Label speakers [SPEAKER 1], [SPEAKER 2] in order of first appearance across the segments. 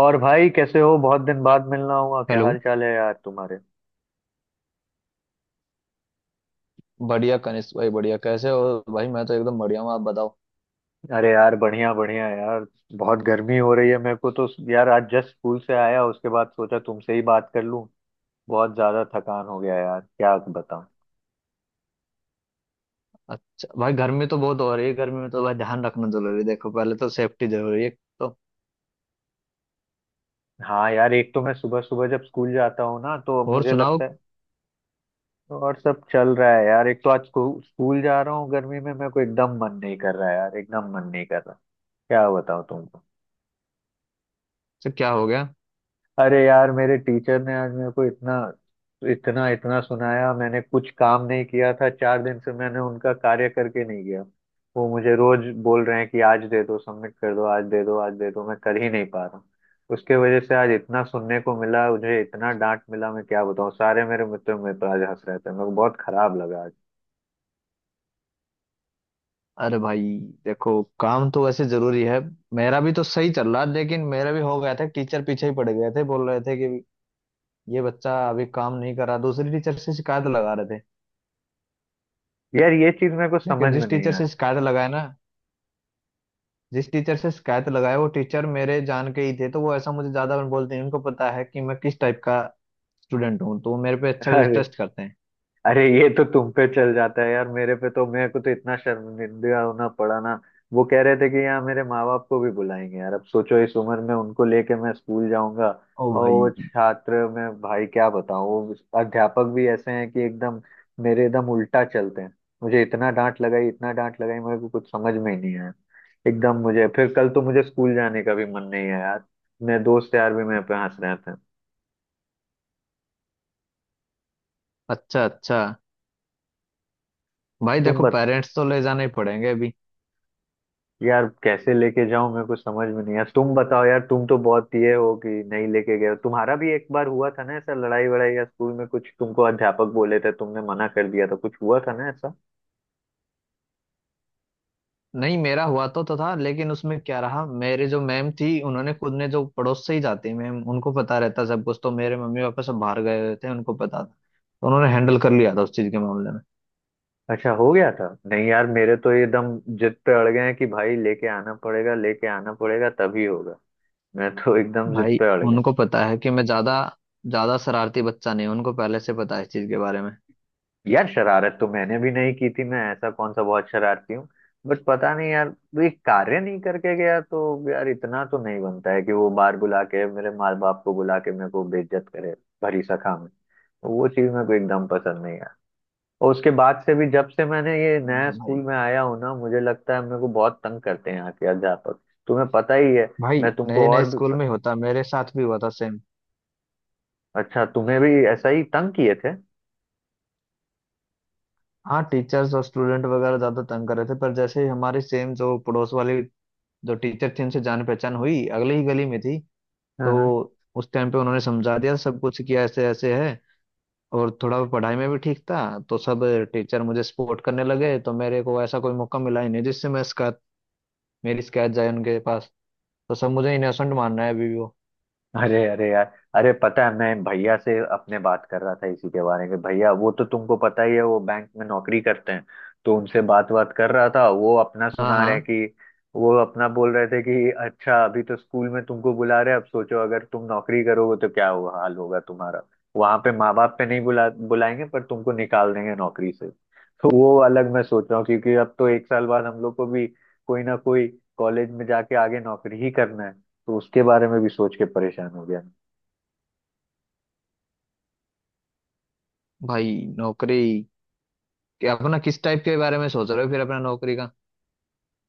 [SPEAKER 1] और भाई कैसे हो? बहुत दिन बाद मिलना हुआ। क्या
[SPEAKER 2] हेलो।
[SPEAKER 1] हाल चाल है यार तुम्हारे?
[SPEAKER 2] बढ़िया कनिष्क भाई, बढ़िया। कैसे हो भाई? मैं तो एकदम बढ़िया हूँ। आप बताओ।
[SPEAKER 1] अरे यार बढ़िया बढ़िया यार। बहुत गर्मी हो रही है मेरे को तो। यार आज जस्ट स्कूल से आया, उसके बाद सोचा तुमसे ही बात कर लूं। बहुत ज्यादा थकान हो गया यार, क्या बताऊं।
[SPEAKER 2] अच्छा भाई, गर्मी तो बहुत हो रही है। गर्मी में तो भाई ध्यान रखना जरूरी है। देखो, पहले तो सेफ्टी जरूरी है, तो
[SPEAKER 1] हाँ यार, एक तो मैं सुबह सुबह जब स्कूल जाता हूँ ना तो
[SPEAKER 2] और
[SPEAKER 1] मुझे
[SPEAKER 2] सुनाओ।
[SPEAKER 1] लगता है। और सब चल रहा है यार। एक तो आज स्कूल जा रहा हूँ, गर्मी में मेरे को एकदम मन नहीं कर रहा है यार, एकदम मन नहीं कर रहा। क्या बताऊँ तुम।
[SPEAKER 2] तो क्या हो गया?
[SPEAKER 1] अरे यार, मेरे टीचर ने आज मेरे को इतना इतना इतना सुनाया। मैंने कुछ काम नहीं किया था, चार दिन से मैंने उनका कार्य करके नहीं गया। वो मुझे रोज बोल रहे हैं कि आज दे दो, सबमिट कर दो, आज दे दो, आज दे दो। मैं कर ही नहीं पा रहा हूँ। उसके वजह से आज इतना सुनने को मिला, मुझे इतना डांट मिला। मैं क्या बताऊँ, सारे मेरे मित्र मेरे पर आज हंस रहे थे, मेरे को बहुत खराब लगा आज।
[SPEAKER 2] अरे भाई, देखो काम तो वैसे जरूरी है। मेरा भी तो सही चल रहा है, लेकिन मेरा भी हो गया था। टीचर पीछे ही पड़ गए थे, बोल रहे थे कि ये बच्चा अभी काम नहीं कर रहा, दूसरी टीचर से शिकायत लगा रहे थे।
[SPEAKER 1] यार ये चीज मेरे को समझ
[SPEAKER 2] लेकिन
[SPEAKER 1] में
[SPEAKER 2] जिस
[SPEAKER 1] नहीं
[SPEAKER 2] टीचर से
[SPEAKER 1] आती।
[SPEAKER 2] शिकायत लगाए ना, जिस टीचर से शिकायत लगाए वो टीचर मेरे जान के ही थे, तो वो ऐसा मुझे ज्यादा बोलते हैं। उनको पता है कि मैं किस टाइप का स्टूडेंट हूँ, तो वो मेरे पे अच्छा
[SPEAKER 1] अरे,
[SPEAKER 2] टेस्ट करते हैं।
[SPEAKER 1] अरे ये तो तुम पे चल जाता है यार, मेरे पे तो मेरे को तो इतना शर्मिंदा होना पड़ा ना। वो कह रहे थे कि यहाँ मेरे माँ बाप को भी बुलाएंगे। यार अब सोचो, इस उम्र में उनको लेके मैं स्कूल जाऊंगा।
[SPEAKER 2] ओ
[SPEAKER 1] और वो
[SPEAKER 2] भाई।
[SPEAKER 1] छात्र, मैं भाई क्या बताऊँ। वो अध्यापक भी ऐसे हैं कि एकदम मेरे एकदम उल्टा चलते हैं। मुझे इतना डांट लगाई, इतना डांट लगाई, मेरे को कुछ समझ में ही नहीं आया। एकदम मुझे, फिर कल तो मुझे स्कूल जाने का भी मन नहीं है यार। मेरे दोस्त यार भी मेरे पे हंस रहे थे।
[SPEAKER 2] अच्छा, अच्छा। भाई
[SPEAKER 1] तुम,
[SPEAKER 2] देखो, पेरेंट्स तो ले जाने ही पड़ेंगे अभी।
[SPEAKER 1] यार कैसे लेके जाऊं, मेरे को समझ में नहीं। यार तुम बताओ, यार तुम तो बहुत ये हो कि नहीं लेके गए हो। तुम्हारा भी एक बार हुआ था ना ऐसा, लड़ाई वड़ाई या स्कूल में कुछ, तुमको अध्यापक बोले थे, तुमने मना कर दिया था, कुछ हुआ था ना ऐसा?
[SPEAKER 2] नहीं, मेरा हुआ तो था, लेकिन उसमें क्या रहा, मेरे जो मैम थी उन्होंने खुद ने, जो पड़ोस से ही जाती मैम, उनको पता रहता सब कुछ। तो मेरे मम्मी पापा सब बाहर गए हुए थे, उनको पता था, तो उन्होंने हैंडल कर लिया था उस चीज के मामले में।
[SPEAKER 1] अच्छा, हो गया था। नहीं यार, मेरे तो ये एकदम जिद पे अड़ गए हैं कि भाई लेके आना पड़ेगा, लेके आना पड़ेगा, तभी होगा। मैं तो एकदम जिद
[SPEAKER 2] भाई,
[SPEAKER 1] पे अड़ गया।
[SPEAKER 2] उनको पता है कि मैं ज्यादा ज्यादा शरारती बच्चा नहीं हूं, उनको पहले से पता है इस चीज के बारे में।
[SPEAKER 1] यार शरारत तो मैंने भी नहीं की थी, मैं ऐसा कौन सा बहुत शरारती हूँ। बट पता नहीं यार। वो एक कार्य नहीं करके गया तो यार इतना तो नहीं बनता है कि वो बार बुला के, मेरे माँ बाप को बुला के, मेरे को बेइज्जत करे। भरी सखा में तो वो चीज मेरे को एकदम पसंद नहीं है। और उसके बाद से भी जब से मैंने ये नया
[SPEAKER 2] भाई,
[SPEAKER 1] स्कूल में आया हूँ ना, मुझे लगता है मेरे को बहुत तंग करते हैं यहाँ के अध्यापक। तुम्हें पता ही है।
[SPEAKER 2] भाई
[SPEAKER 1] मैं
[SPEAKER 2] नए
[SPEAKER 1] तुमको
[SPEAKER 2] नए
[SPEAKER 1] और भी।
[SPEAKER 2] स्कूल में होता, मेरे साथ भी हुआ था सेम।
[SPEAKER 1] अच्छा, तुम्हें भी ऐसा ही तंग किए थे?
[SPEAKER 2] हाँ, टीचर्स और स्टूडेंट वगैरह ज्यादा तंग कर रहे थे, पर जैसे ही हमारी सेम जो पड़ोस वाली जो टीचर थी उनसे जान पहचान हुई, अगली ही गली में थी। तो
[SPEAKER 1] हाँ।
[SPEAKER 2] उस टाइम पे उन्होंने समझा दिया, सब कुछ किया, ऐसे ऐसे है। और थोड़ा पढ़ाई में भी ठीक था, तो सब टीचर मुझे सपोर्ट करने लगे, तो मेरे को ऐसा कोई मौका मिला ही नहीं जिससे मैं शिकायत, मेरी शिकायत जाए उनके पास। तो सब मुझे इनोसेंट मान रहा है अभी भी वो।
[SPEAKER 1] अरे, अरे यार, अरे पता है, मैं भैया से अपने बात कर रहा था इसी के बारे में। भैया वो तो तुमको पता ही है, वो बैंक में नौकरी करते हैं। तो उनसे बात बात कर रहा था, वो अपना
[SPEAKER 2] हाँ,
[SPEAKER 1] सुना रहे
[SPEAKER 2] हाँ।
[SPEAKER 1] कि, वो अपना बोल रहे थे कि अच्छा अभी तो स्कूल में तुमको बुला रहे हैं, अब सोचो अगर तुम नौकरी करोगे तो क्या हुआ हाल होगा तुम्हारा। वहां पे माँ बाप पे नहीं बुलाएंगे पर तुमको निकाल देंगे नौकरी से, तो वो अलग मैं सोच रहा हूँ। क्योंकि अब तो एक साल बाद हम लोग को भी कोई ना कोई कॉलेज में जाके आगे नौकरी ही करना है। तो उसके बारे में भी सोच के परेशान हो गया।
[SPEAKER 2] भाई, नौकरी कि अपना किस टाइप के बारे में सोच रहे हो? फिर अपना नौकरी का?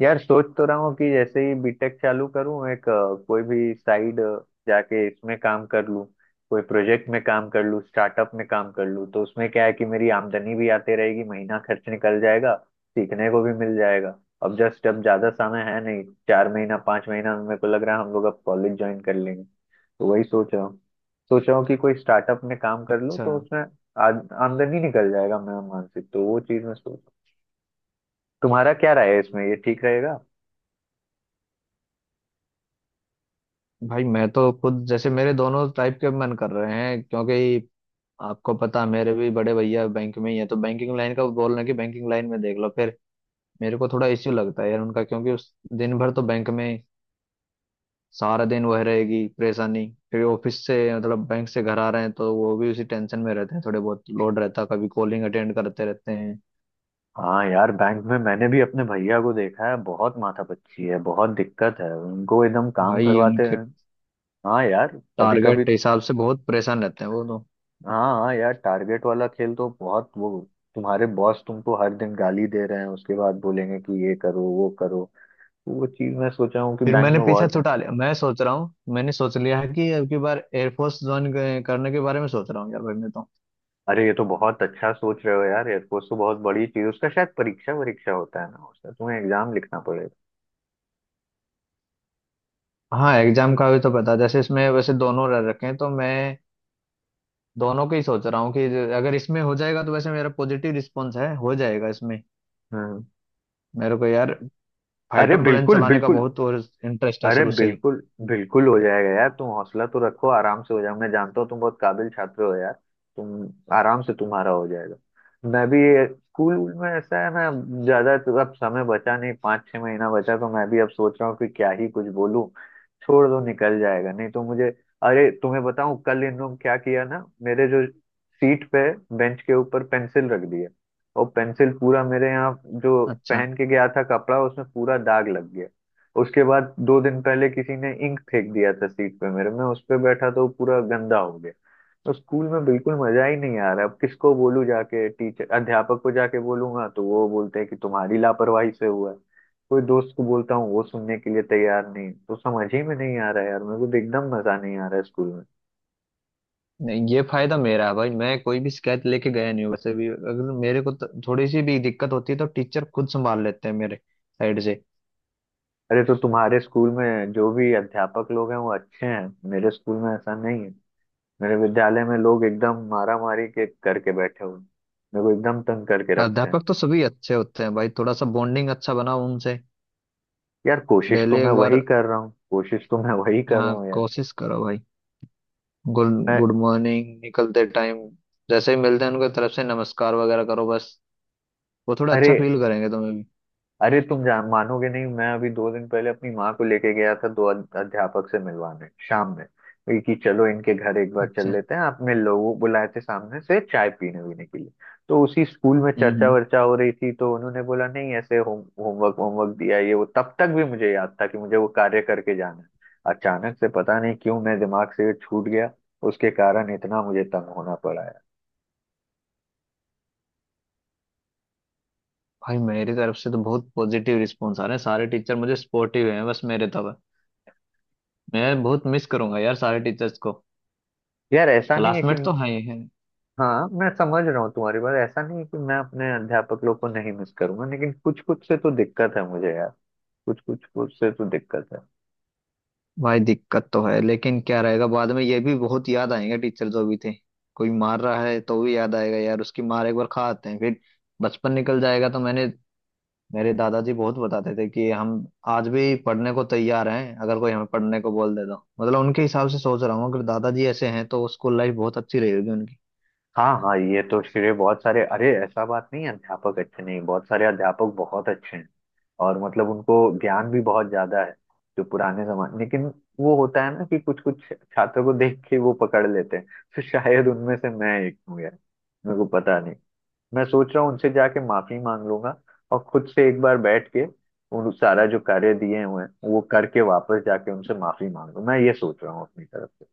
[SPEAKER 1] यार सोच तो रहा हूँ कि जैसे ही बीटेक चालू करूँ, एक कोई भी साइड जाके इसमें काम कर लूँ, कोई प्रोजेक्ट में काम कर लूँ, स्टार्टअप में काम कर लूँ। तो उसमें क्या है कि मेरी आमदनी भी आती रहेगी, महीना खर्च निकल जाएगा, सीखने को भी मिल जाएगा। अब जस्ट अब ज्यादा समय है नहीं, चार महीना पांच महीना मेरे को लग रहा है, हम लोग अब कॉलेज ज्वाइन कर लेंगे। तो वही सोच रहा हूँ, सोच रहा हूँ कि कोई स्टार्टअप में काम कर लूँ
[SPEAKER 2] अच्छा।
[SPEAKER 1] तो उसमें आ- आमदनी निकल जाएगा। मैं मानसिक तो वो चीज में सोच। तुम्हारा क्या राय है इसमें, ये ठीक रहेगा?
[SPEAKER 2] भाई मैं तो खुद, जैसे मेरे दोनों टाइप के मन कर रहे हैं क्योंकि आपको पता मेरे भी बड़े भैया बैंक में ही है। तो बैंकिंग लाइन का बोल रहे हैं कि बैंकिंग लाइन में देख लो फिर। मेरे को थोड़ा इश्यू लगता है यार उनका, क्योंकि उस दिन भर तो बैंक में सारा दिन वह रहेगी परेशानी। फिर ऑफिस से, मतलब बैंक से घर आ रहे हैं, तो वो भी उसी टेंशन में रहते हैं, थोड़े बहुत लोड रहता है, कभी कॉलिंग अटेंड करते रहते हैं।
[SPEAKER 1] हाँ यार बैंक में मैंने भी अपने भैया को देखा है, बहुत माथापच्ची है, बहुत दिक्कत है, उनको एकदम काम
[SPEAKER 2] भाई
[SPEAKER 1] करवाते
[SPEAKER 2] उनके
[SPEAKER 1] हैं। हाँ यार। कभी
[SPEAKER 2] टारगेट
[SPEAKER 1] कभी,
[SPEAKER 2] के हिसाब से बहुत परेशान रहते हैं वो तो।
[SPEAKER 1] हाँ हाँ यार, टारगेट वाला खेल तो बहुत वो। तुम्हारे बॉस तुमको हर दिन गाली दे रहे हैं, उसके बाद बोलेंगे कि ये करो वो करो। तो वो चीज मैं सोचा हूँ कि
[SPEAKER 2] फिर
[SPEAKER 1] बैंक में
[SPEAKER 2] मैंने पीछा
[SPEAKER 1] बहुत है।
[SPEAKER 2] छुटा लिया। मैं सोच रहा हूँ, मैंने सोच लिया है कि अब की बार एयरफोर्स ज्वाइन करने के बारे में सोच रहा हूँ यार भाई मैं तो।
[SPEAKER 1] अरे ये तो बहुत अच्छा सोच रहे हो यार, एयरफोर्स तो बहुत बड़ी चीज। उसका शायद परीक्षा वरीक्षा होता है ना, उसका तुम्हें एग्जाम लिखना पड़ेगा।
[SPEAKER 2] हाँ, एग्जाम का भी तो पता, जैसे इसमें वैसे दोनों रह रखे हैं, तो मैं दोनों के ही सोच रहा हूँ कि अगर इसमें हो जाएगा, तो वैसे मेरा पॉजिटिव रिस्पॉन्स है, हो जाएगा इसमें।
[SPEAKER 1] हम्म।
[SPEAKER 2] मेरे को यार
[SPEAKER 1] अरे
[SPEAKER 2] फाइटर प्लेन
[SPEAKER 1] बिल्कुल
[SPEAKER 2] चलाने का
[SPEAKER 1] बिल्कुल,
[SPEAKER 2] बहुत और इंटरेस्ट है
[SPEAKER 1] अरे
[SPEAKER 2] शुरू से ही।
[SPEAKER 1] बिल्कुल बिल्कुल हो जाएगा यार, तुम हौसला तो रखो, आराम से हो जाएगा। मैं जानता हूँ तुम बहुत काबिल छात्र हो यार, तुम आराम से तुम्हारा हो जाएगा। मैं भी स्कूल में ऐसा है ना, ज्यादा तो अब समय बचा नहीं, पाँच छह महीना बचा, तो मैं भी अब सोच रहा हूँ कि क्या ही कुछ बोलूं, छोड़ दो निकल जाएगा, नहीं तो मुझे। अरे तुम्हें बताऊं कल इन लोग क्या किया ना, मेरे जो सीट पे, बेंच के ऊपर पेंसिल रख दिया, और पेंसिल पूरा मेरे यहाँ जो
[SPEAKER 2] अच्छा।
[SPEAKER 1] पहन के गया था कपड़ा, उसमें पूरा दाग लग गया। उसके बाद दो दिन पहले किसी ने इंक फेंक दिया था सीट पे मेरे, मैं उस पे बैठा तो पूरा गंदा हो गया। तो स्कूल में बिल्कुल मजा ही नहीं आ रहा। अब किसको बोलूं, जाके टीचर अध्यापक को जाके बोलूंगा तो वो बोलते हैं कि तुम्हारी लापरवाही से हुआ है। कोई दोस्त को बोलता हूँ वो सुनने के लिए तैयार नहीं। तो समझ ही में नहीं आ रहा है यार, मेरे को तो एकदम मजा नहीं आ रहा है स्कूल में।
[SPEAKER 2] नहीं, ये फायदा मेरा है भाई, मैं कोई भी शिकायत लेके गया नहीं हूँ। वैसे भी अगर मेरे को तो थोड़ी सी भी दिक्कत होती है, तो टीचर खुद संभाल लेते हैं मेरे साइड से।
[SPEAKER 1] अरे तो तुम्हारे स्कूल में जो भी अध्यापक लोग हैं वो अच्छे हैं, मेरे स्कूल में ऐसा नहीं है। मेरे विद्यालय में लोग एकदम मारा मारी के करके बैठे हुए हैं। मेरे को एकदम तंग करके
[SPEAKER 2] हाँ,
[SPEAKER 1] रखते हैं।
[SPEAKER 2] अध्यापक तो सभी अच्छे होते हैं भाई, थोड़ा सा बॉन्डिंग अच्छा बनाओ उनसे।
[SPEAKER 1] यार कोशिश तो
[SPEAKER 2] डेली
[SPEAKER 1] मैं
[SPEAKER 2] एक
[SPEAKER 1] वही
[SPEAKER 2] बार,
[SPEAKER 1] कर रहा हूँ, कोशिश तो मैं वही कर
[SPEAKER 2] हाँ
[SPEAKER 1] रहा हूँ यार।
[SPEAKER 2] कोशिश करो भाई। गुड।
[SPEAKER 1] मैं,
[SPEAKER 2] गुड मॉर्निंग निकलते टाइम, जैसे ही मिलते हैं उनके तरफ से नमस्कार वगैरह करो बस, वो थोड़ा
[SPEAKER 1] अरे
[SPEAKER 2] अच्छा फील करेंगे तुम्हें भी।
[SPEAKER 1] अरे तुम जान मानोगे नहीं, मैं अभी दो दिन पहले अपनी माँ को लेके गया था दो अध्यापक से मिलवाने शाम में। वही कि चलो इनके घर एक बार चल
[SPEAKER 2] अच्छे।
[SPEAKER 1] लेते हैं, आपने लोगों बुलाए थे सामने से चाय पीने वीने के लिए। तो उसी स्कूल में
[SPEAKER 2] हम्म,
[SPEAKER 1] चर्चा वर्चा हो रही थी, तो उन्होंने बोला नहीं ऐसे होमवर्क होमवर्क दिया ये वो, तब तक भी मुझे याद था कि मुझे वो कार्य करके जाना है। अचानक से पता नहीं क्यों मेरे दिमाग से ये छूट गया। उसके कारण इतना मुझे तंग होना पड़ा है।
[SPEAKER 2] भाई, मेरी तरफ से तो बहुत पॉजिटिव रिस्पॉन्स आ रहे हैं, सारे टीचर मुझे सपोर्टिव हैं। बस मेरे तब, मैं बहुत मिस करूंगा यार सारे टीचर्स को।
[SPEAKER 1] यार ऐसा नहीं है कि,
[SPEAKER 2] क्लासमेट तो हैं ही हैं।
[SPEAKER 1] हाँ मैं समझ रहा हूँ तुम्हारी बात, ऐसा नहीं है कि मैं अपने अध्यापक लोग को नहीं मिस करूंगा, लेकिन कुछ कुछ से तो दिक्कत है मुझे यार, कुछ कुछ कुछ से तो दिक्कत है।
[SPEAKER 2] भाई दिक्कत तो है, लेकिन क्या रहेगा? बाद में ये भी बहुत याद आएंगे टीचर जो भी थे। कोई मार रहा है तो भी याद आएगा यार उसकी मार, एक बार खा आते हैं फिर, बचपन निकल जाएगा तो। मैंने, मेरे दादाजी बहुत बताते थे कि हम आज भी पढ़ने को तैयार हैं अगर कोई हमें पढ़ने को बोल दे तो। मतलब उनके हिसाब से सोच रहा हूँ, अगर दादाजी ऐसे हैं तो स्कूल लाइफ बहुत अच्छी रही होगी उनकी।
[SPEAKER 1] हाँ हाँ, ये तो श्रेय बहुत सारे, अरे ऐसा बात नहीं है अध्यापक अच्छे नहीं, बहुत सारे अध्यापक बहुत अच्छे हैं, और मतलब उनको ज्ञान भी बहुत ज्यादा है, जो पुराने जमाने, लेकिन वो होता है ना कि कुछ कुछ छात्रों को देख के वो पकड़ लेते हैं, तो शायद उनमें से मैं एक हूँ यार, मेरे को पता नहीं। मैं सोच रहा हूँ उनसे जाके माफी मांग लूंगा, और खुद से एक बार बैठ के उन सारा जो कार्य दिए हुए हैं वो करके वापस जाके उनसे माफी मांग लूं, मैं ये सोच रहा हूँ अपनी तरफ से,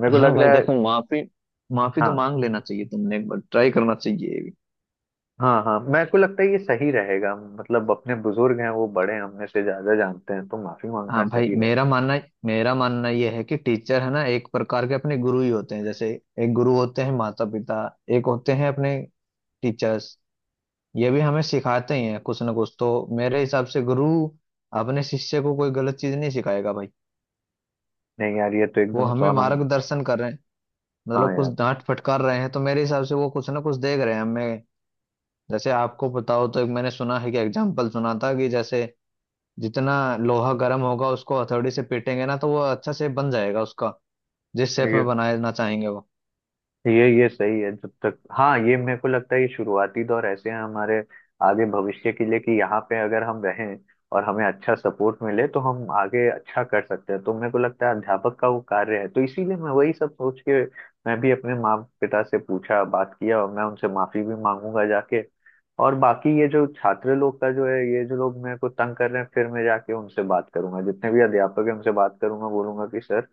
[SPEAKER 1] मेरे को
[SPEAKER 2] हाँ
[SPEAKER 1] लग
[SPEAKER 2] भाई
[SPEAKER 1] रहा है।
[SPEAKER 2] देखो, माफी, माफी तो
[SPEAKER 1] हाँ,
[SPEAKER 2] मांग लेना चाहिए, तुमने एक बार ट्राई करना चाहिए ये भी।
[SPEAKER 1] हाँ हाँ, मेरे को लगता है ये सही रहेगा। मतलब अपने बुजुर्ग हैं, वो बड़े हैं, हमने से ज्यादा जानते हैं, तो माफी मांगना
[SPEAKER 2] हाँ भाई,
[SPEAKER 1] सही रहे।
[SPEAKER 2] मेरा मानना यह है कि टीचर है ना, एक प्रकार के अपने गुरु ही होते हैं। जैसे एक गुरु होते हैं माता पिता, एक होते हैं अपने टीचर्स। ये भी हमें सिखाते ही हैं कुछ ना कुछ तो। मेरे हिसाब से गुरु अपने शिष्य को कोई गलत चीज नहीं सिखाएगा भाई।
[SPEAKER 1] नहीं यार ये तो
[SPEAKER 2] वो
[SPEAKER 1] एकदम
[SPEAKER 2] हमें
[SPEAKER 1] सोनम।
[SPEAKER 2] मार्गदर्शन कर रहे हैं,
[SPEAKER 1] हाँ
[SPEAKER 2] मतलब कुछ
[SPEAKER 1] यार,
[SPEAKER 2] डांट फटकार रहे हैं तो मेरे हिसाब से वो कुछ ना कुछ देख रहे हैं हमें। जैसे आपको पता हो, तो एक मैंने सुना है कि एग्जाम्पल सुना था कि जैसे जितना लोहा गर्म होगा उसको हथौड़ी से पीटेंगे ना, तो वो अच्छा से बन जाएगा, उसका जिस शेप
[SPEAKER 1] ये
[SPEAKER 2] में बनाना चाहेंगे वो।
[SPEAKER 1] ये ये सही है। जब तक, हाँ ये मेरे को लगता है, ये शुरुआती दौर ऐसे हैं हमारे आगे भविष्य के लिए, कि यहाँ पे अगर हम रहें और हमें अच्छा सपोर्ट मिले तो हम आगे अच्छा कर सकते हैं। तो मेरे को लगता है अध्यापक का वो कार्य है, तो इसीलिए मैं वही सब सोच के, मैं भी अपने माँ पिता से पूछा बात किया, और मैं उनसे माफी भी मांगूंगा जाके। और बाकी ये जो छात्र लोग का जो है, ये जो लोग मेरे को तंग कर रहे हैं, फिर मैं जाके उनसे बात करूंगा, जितने भी अध्यापक है उनसे बात करूंगा, बोलूंगा कि सर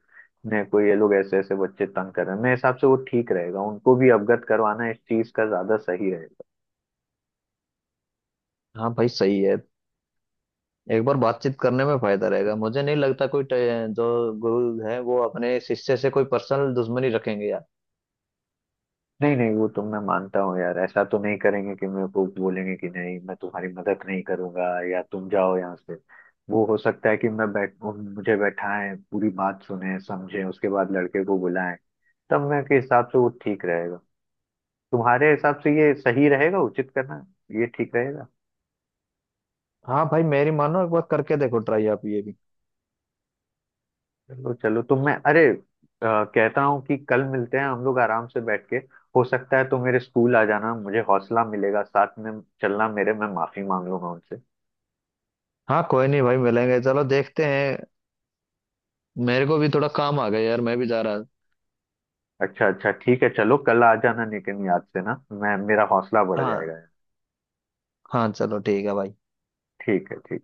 [SPEAKER 1] नहीं कोई, ये लोग ऐसे ऐसे बच्चे तंग कर रहे हैं। मेरे हिसाब से वो ठीक रहेगा, उनको भी अवगत करवाना इस चीज का ज्यादा सही रहेगा।
[SPEAKER 2] हाँ भाई सही है, एक बार बातचीत करने में फायदा रहेगा। मुझे नहीं लगता कोई जो गुरु है वो अपने शिष्य से कोई पर्सनल दुश्मनी रखेंगे यार।
[SPEAKER 1] नहीं नहीं, वो तो मैं मानता हूँ यार, ऐसा तो नहीं करेंगे कि मेरे को बोलेंगे कि नहीं मैं तुम्हारी मदद नहीं करूंगा या तुम जाओ यहाँ से। वो हो सकता है कि मैं बैठ मुझे बैठाएं, पूरी बात सुने समझे, उसके बाद लड़के को बुलाएं। तब मैं के हिसाब से वो ठीक रहेगा। तुम्हारे हिसाब से ये सही रहेगा उचित करना, ये ठीक रहेगा?
[SPEAKER 2] हाँ भाई, मेरी मानो एक बार करके देखो ट्राई आप ये भी।
[SPEAKER 1] चलो चलो, तो मैं, कहता हूँ कि कल मिलते हैं, हम लोग आराम से बैठ के। हो सकता है तो मेरे स्कूल आ जाना, मुझे हौसला मिलेगा साथ में चलना मेरे, मैं माफी मांग लूंगा उनसे।
[SPEAKER 2] हाँ कोई नहीं भाई, मिलेंगे, चलो देखते हैं। मेरे को भी थोड़ा काम आ गया यार, मैं भी जा रहा।
[SPEAKER 1] अच्छा अच्छा ठीक है, चलो कल आ जाना लेकिन याद से ना, मैं मेरा हौसला बढ़
[SPEAKER 2] हाँ,
[SPEAKER 1] जाएगा।
[SPEAKER 2] हाँ चलो ठीक है भाई।
[SPEAKER 1] ठीक है, ठीक।